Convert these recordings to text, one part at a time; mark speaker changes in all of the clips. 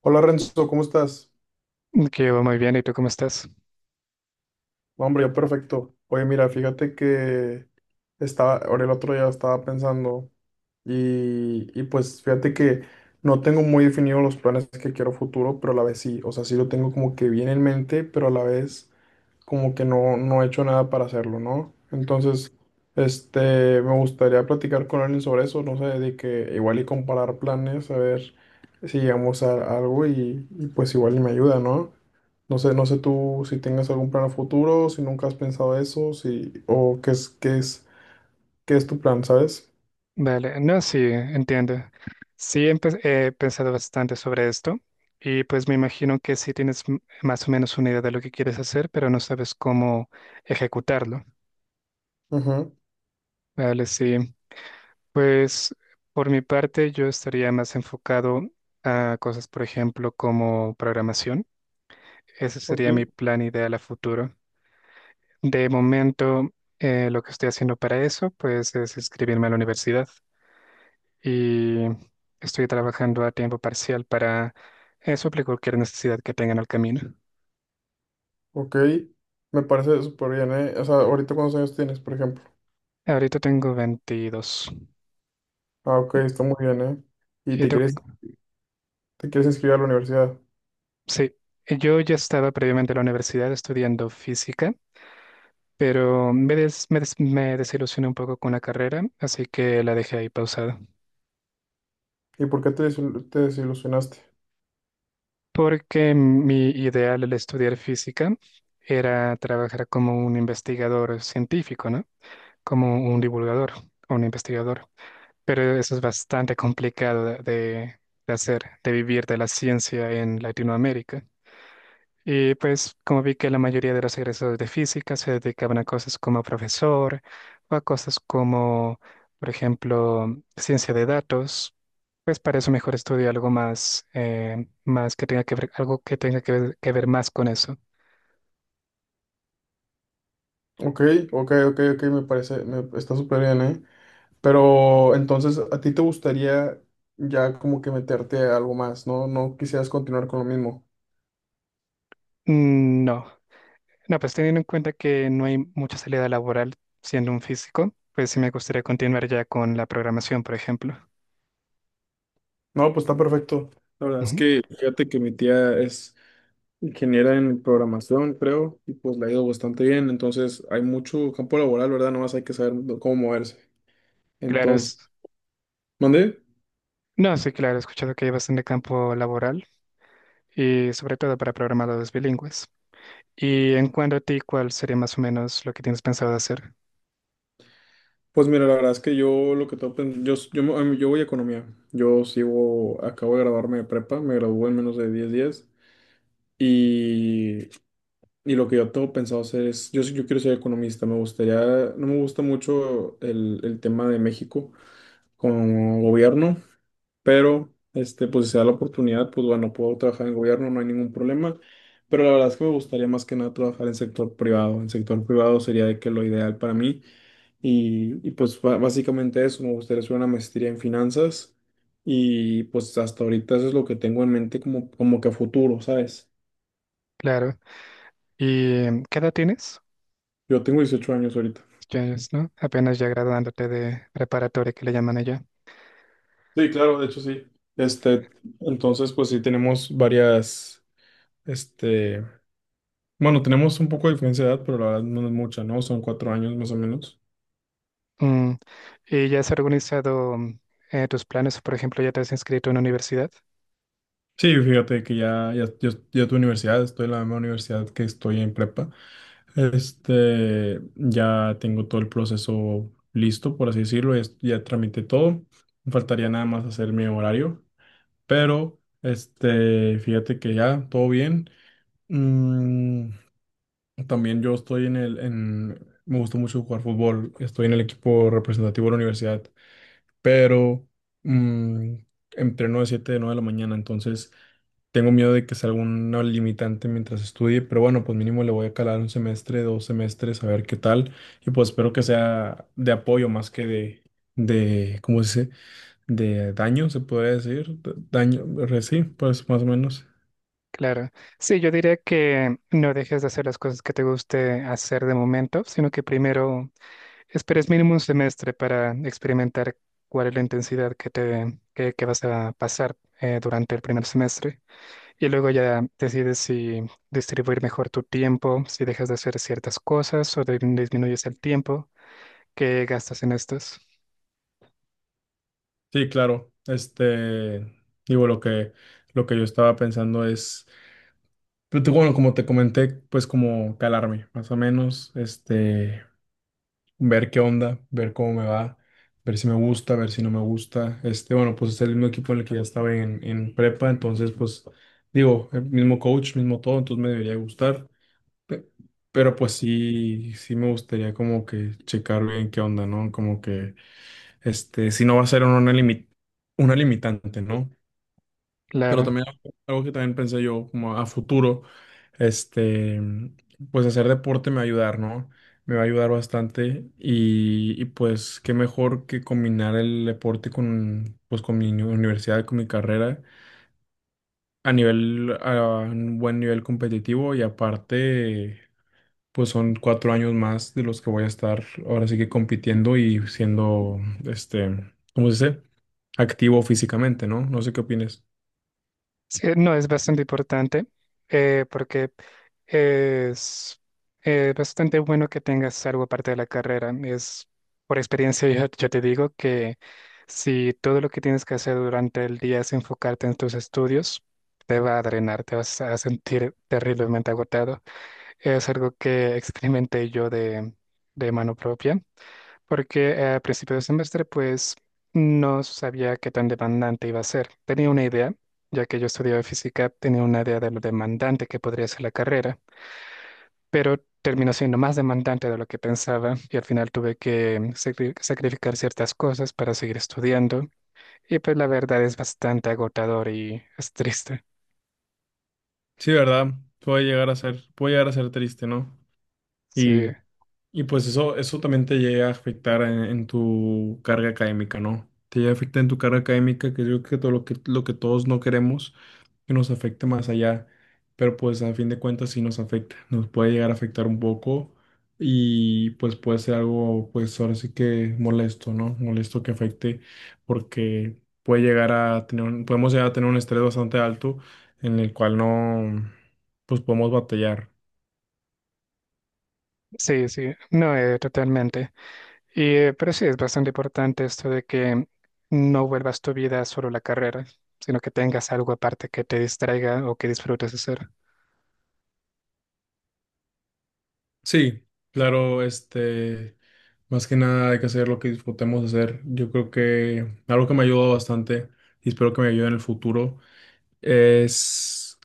Speaker 1: Hola Renzo, ¿cómo estás?
Speaker 2: Que va muy bien, ¿y tú cómo estás?
Speaker 1: No, hombre, yo perfecto. Oye, mira, fíjate que estaba, ahora el otro día estaba pensando y pues fíjate que no tengo muy definidos los planes que quiero a futuro, pero a la vez sí, o sea, sí lo tengo como que bien en mente, pero a la vez como que no, no he hecho nada para hacerlo, ¿no? Entonces, este, me gustaría platicar con alguien sobre eso, no sé, de que igual y comparar planes, a ver si llegamos a algo y pues igual y me ayuda, ¿no? No sé, no sé tú si tengas algún plan a futuro, si nunca has pensado eso, si, o qué es tu plan, ¿sabes?
Speaker 2: Vale, no, sí, entiendo. Sí, he pensado bastante sobre esto y pues me imagino que sí tienes más o menos una idea de lo que quieres hacer, pero no sabes cómo ejecutarlo.
Speaker 1: Ujú.
Speaker 2: Vale, sí. Pues por mi parte yo estaría más enfocado a cosas, por ejemplo, como programación. Ese
Speaker 1: Ok,
Speaker 2: sería mi plan ideal a futuro. De momento, lo que estoy haciendo para eso, pues es inscribirme a la universidad. Y estoy trabajando a tiempo parcial para suplir cualquier necesidad que tenga en el camino.
Speaker 1: ok. Me parece súper bien, ¿eh? O sea, ahorita cuántos años tienes, por ejemplo.
Speaker 2: Ahorita tengo 22.
Speaker 1: Ah, ok,
Speaker 2: ¿Y
Speaker 1: está muy bien, ¿eh? Y te
Speaker 2: tú?
Speaker 1: quieres, te quieres inscribir a la universidad.
Speaker 2: Sí, yo ya estaba previamente en la universidad estudiando física, pero me desilusioné un poco con la carrera, así que la dejé ahí pausada.
Speaker 1: ¿Y por qué te desilusionaste?
Speaker 2: Porque mi ideal al estudiar física era trabajar como un investigador científico, ¿no? Como un divulgador o un investigador. Pero eso es bastante complicado de hacer, de vivir de la ciencia en Latinoamérica. Y pues como vi que la mayoría de los egresados de física se dedicaban a cosas como profesor o a cosas como, por ejemplo, ciencia de datos, pues para eso mejor estudio algo más, más que tenga que ver, algo que tenga que ver más con eso.
Speaker 1: Ok, ok, ok, ok, me parece, está súper bien, ¿eh? Pero entonces, ¿a ti te gustaría ya como que meterte a algo más, ¿no? No quisieras continuar con lo mismo.
Speaker 2: Mm. No, no, pues teniendo en cuenta que no hay mucha salida laboral siendo un físico, pues sí me gustaría continuar ya con la programación, por ejemplo.
Speaker 1: No, pues está perfecto. La verdad es
Speaker 2: Ujú.
Speaker 1: que fíjate que mi tía es ingeniera en programación, creo, y pues le ha ido bastante bien. Entonces hay mucho campo laboral, ¿verdad? Nomás hay que saber cómo moverse.
Speaker 2: Claro,
Speaker 1: Entonces,
Speaker 2: es...
Speaker 1: ¿mandé?
Speaker 2: No, sí, claro, he escuchado que hay bastante campo laboral y sobre todo para programadores bilingües. Y en cuanto a ti, ¿cuál sería más o menos lo que tienes pensado hacer?
Speaker 1: Pues mira, la verdad es que yo lo que tengo pen- yo, s- yo, me- a mí- yo voy a economía. Yo sigo, acabo de graduarme de prepa, me gradué en menos de 10 días. Y, y lo que yo tengo pensado hacer es, yo quiero ser economista, me gustaría, no me gusta mucho el tema de México como gobierno. Pero este, pues si se da la oportunidad, pues bueno, puedo trabajar en gobierno, no hay ningún problema, pero la verdad es que me gustaría más que nada trabajar en sector privado sería de que lo ideal para mí y pues básicamente eso, me gustaría hacer una maestría en finanzas y pues hasta ahorita eso es lo que tengo en mente como que a futuro, ¿sabes?
Speaker 2: Claro. ¿Y qué edad tienes?
Speaker 1: Yo tengo 18 años ahorita.
Speaker 2: Ya es, ¿no? Apenas ya graduándote de preparatoria que le llaman allá.
Speaker 1: Sí, claro, de hecho sí. Este, entonces pues sí tenemos varias, este. Bueno, tenemos un poco de diferencia de edad, pero la verdad no es mucha, ¿no? Son 4 años más o menos.
Speaker 2: Mm, ¿Y ya has organizado tus planes? Por ejemplo, ¿ya te has inscrito en una universidad?
Speaker 1: Sí, fíjate que ya tu universidad, estoy en la misma universidad que estoy en prepa. Este, ya tengo todo el proceso listo, por así decirlo, ya tramité todo. Me faltaría nada más hacer mi horario, pero este, fíjate que ya, todo bien. Mm, también yo estoy en el, en, Me gusta mucho jugar fútbol, estoy en el equipo representativo de la universidad. Pero mm, entreno de 7 de 9 de la mañana, entonces tengo miedo de que sea alguna limitante mientras estudie, pero bueno, pues mínimo le voy a calar un semestre, 2 semestres, a ver qué tal, y pues espero que sea de apoyo más que ¿cómo se dice? De daño, se podría decir, daño, sí, pues más o menos.
Speaker 2: Claro. Sí, yo diría que no dejes de hacer las cosas que te guste hacer de momento, sino que primero esperes mínimo un semestre para experimentar cuál es la intensidad que vas a pasar durante el primer semestre y luego ya decides si distribuir mejor tu tiempo, si dejas de hacer ciertas cosas o disminuyes el tiempo que gastas en estas.
Speaker 1: Sí, claro, este, digo, lo que yo estaba pensando es. Pero bueno, como te comenté, pues como calarme, más o menos, este, ver qué onda, ver cómo me va, ver si me gusta, ver si no me gusta. Este, bueno, pues es el mismo equipo en el que ya estaba en prepa, entonces, pues, digo, el mismo coach, mismo todo, entonces me debería gustar. Pe- Pero pues sí, sí me gustaría como que checar bien qué onda, ¿no? Como que, este, si no va a ser una limitante, ¿no? Pero
Speaker 2: Claro.
Speaker 1: también algo que también pensé yo como a futuro, este, pues hacer deporte me va a ayudar, ¿no? Me va a ayudar bastante y pues qué mejor que combinar el deporte con, pues con mi universidad, con mi carrera, a nivel, a un buen nivel competitivo y aparte, pues son 4 años más de los que voy a estar ahora sí que compitiendo y siendo, este, ¿cómo se dice? Activo físicamente, ¿no? No sé qué opinas.
Speaker 2: Sí, no, es bastante importante porque es bastante bueno que tengas algo aparte de la carrera. Es, por experiencia, yo te digo que si todo lo que tienes que hacer durante el día es enfocarte en tus estudios, te va a drenar, te vas a sentir terriblemente agotado. Es algo que experimenté yo de mano propia porque a principio de semestre pues no sabía qué tan demandante iba a ser. Tenía una idea, ya que yo estudiaba física, tenía una idea de lo demandante que podría ser la carrera, pero terminó siendo más demandante de lo que pensaba y al final tuve que sacrificar ciertas cosas para seguir estudiando y pues la verdad es bastante agotador y es triste.
Speaker 1: Sí, ¿verdad? Puede llegar a ser, puede llegar a ser triste, ¿no?
Speaker 2: Sí,
Speaker 1: Y y pues eso también te llega a afectar en tu carga académica, ¿no? Te llega a afectar en tu carga académica, que yo creo que todo lo que todos no queremos que nos afecte más allá, pero pues a fin de cuentas sí nos afecta, nos puede llegar a afectar un poco y pues puede ser algo, pues ahora sí que molesto, ¿no? Molesto que afecte porque puede llegar a tener, un- podemos llegar a tener un estrés bastante alto en el cual no, pues podemos batallar.
Speaker 2: sí, sí, no, totalmente. Y, pero sí, es bastante importante esto de que no vuelvas tu vida solo la carrera, sino que tengas algo aparte que te distraiga o que disfrutes hacer.
Speaker 1: Sí, claro, este, más que nada hay que hacer lo que disfrutemos hacer. Yo creo que algo que me ha ayudado bastante y espero que me ayude en el futuro es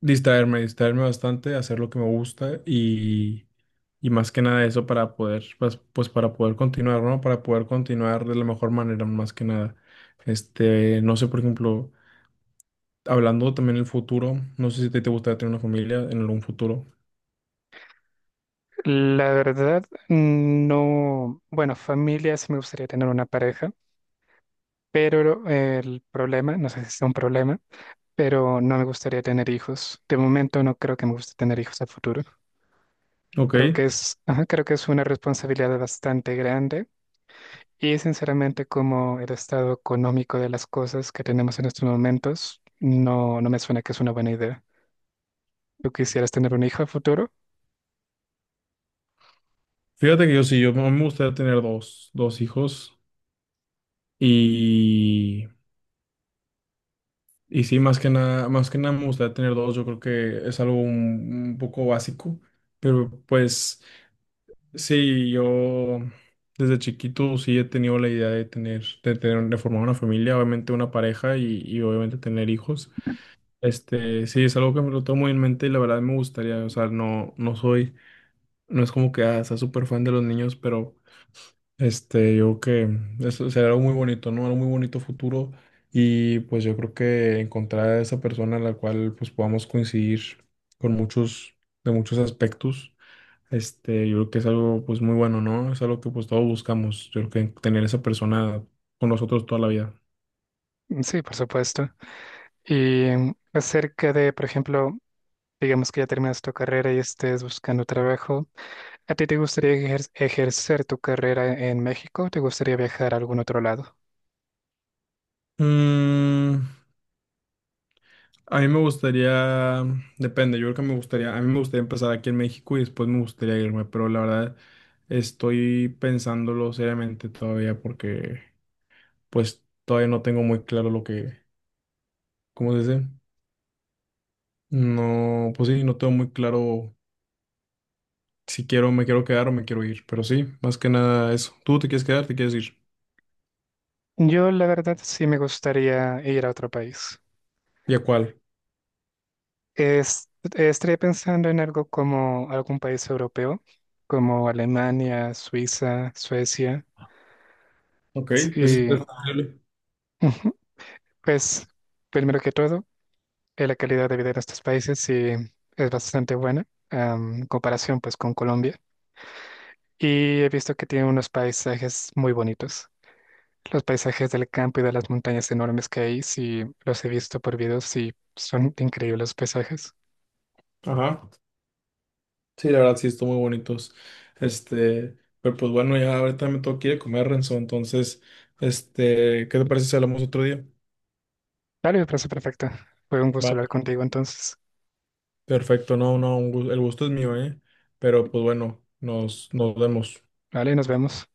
Speaker 1: distraerme, distraerme bastante, hacer lo que me gusta y más que nada eso para poder, pues para poder continuar, ¿no? Para poder continuar de la mejor manera, más que nada. Este, no sé, por ejemplo, hablando también del futuro, no sé si te gustaría tener una familia en algún futuro.
Speaker 2: La verdad, no, bueno, familia, sí me gustaría tener una pareja, pero el problema, no sé si es un problema, pero no me gustaría tener hijos. De momento no creo que me guste tener hijos a futuro.
Speaker 1: Ok.
Speaker 2: Creo que es, ajá, creo que es una responsabilidad bastante grande. Y sinceramente, como el estado económico de las cosas que tenemos en estos momentos, no, no me suena que es una buena idea. ¿Tú quisieras tener un hijo a futuro?
Speaker 1: Fíjate que yo sí, a mí me gustaría tener dos hijos y, y sí, más que nada me gustaría tener dos, yo creo que es algo un poco básico, pero pues sí, yo desde chiquito sí he tenido la idea de formar una familia, obviamente una pareja y obviamente tener hijos. Este, sí, es algo que me lo tomo muy en mente y la verdad me gustaría, o sea, no, no soy, no es como que ah, sea súper fan de los niños, pero. Este, yo creo que eso será algo muy bonito, ¿no? Algo muy bonito futuro y pues yo creo que encontrar a esa persona en la cual pues podamos coincidir con muchos, de muchos aspectos, este, yo creo que es algo pues muy bueno, ¿no? Es algo que pues todos buscamos, yo creo que tener esa persona con nosotros toda la vida.
Speaker 2: Mm. Sí, por supuesto. Y acerca de, por ejemplo, digamos que ya terminas tu carrera y estés buscando trabajo, ¿a ti te gustaría ejercer tu carrera en México o te gustaría viajar a algún otro lado?
Speaker 1: Mm, a mí me gustaría, depende, yo creo que me gustaría, a mí me gustaría empezar aquí en México y después me gustaría irme, pero la verdad estoy pensándolo seriamente todavía porque. Pues todavía no tengo muy claro lo que, ¿cómo se dice? No, pues sí, no tengo muy claro si quiero, me quiero quedar o me quiero ir, pero sí, más que nada eso. ¿Tú te quieres quedar, te quieres ir?
Speaker 2: Yo, la verdad, sí me gustaría ir a otro país.
Speaker 1: ¿Y a cuál?
Speaker 2: Es, estaría pensando en algo como algún país europeo, como Alemania, Suiza, Suecia.
Speaker 1: Ok, es
Speaker 2: Sí,
Speaker 1: es posible.
Speaker 2: ujú. Pues primero que todo, la calidad de vida de estos países sí es bastante buena, en comparación pues con Colombia. Y he visto que tiene unos paisajes muy bonitos. Los paisajes del campo y de las montañas enormes que hay, sí los he visto por videos y son increíbles los paisajes.
Speaker 1: Ajá. Sí, la verdad sí, están muy bonitos. Este, pero pues bueno, ya ahorita me tengo que ir a comer, Renzo, entonces, este, ¿qué te parece si hablamos otro día?
Speaker 2: Vale, me parece perfecto. Fue un gusto
Speaker 1: Va.
Speaker 2: hablar contigo entonces.
Speaker 1: Perfecto, no, no, el gusto es mío, ¿eh? Pero pues bueno, nos vemos.
Speaker 2: Vale, nos vemos.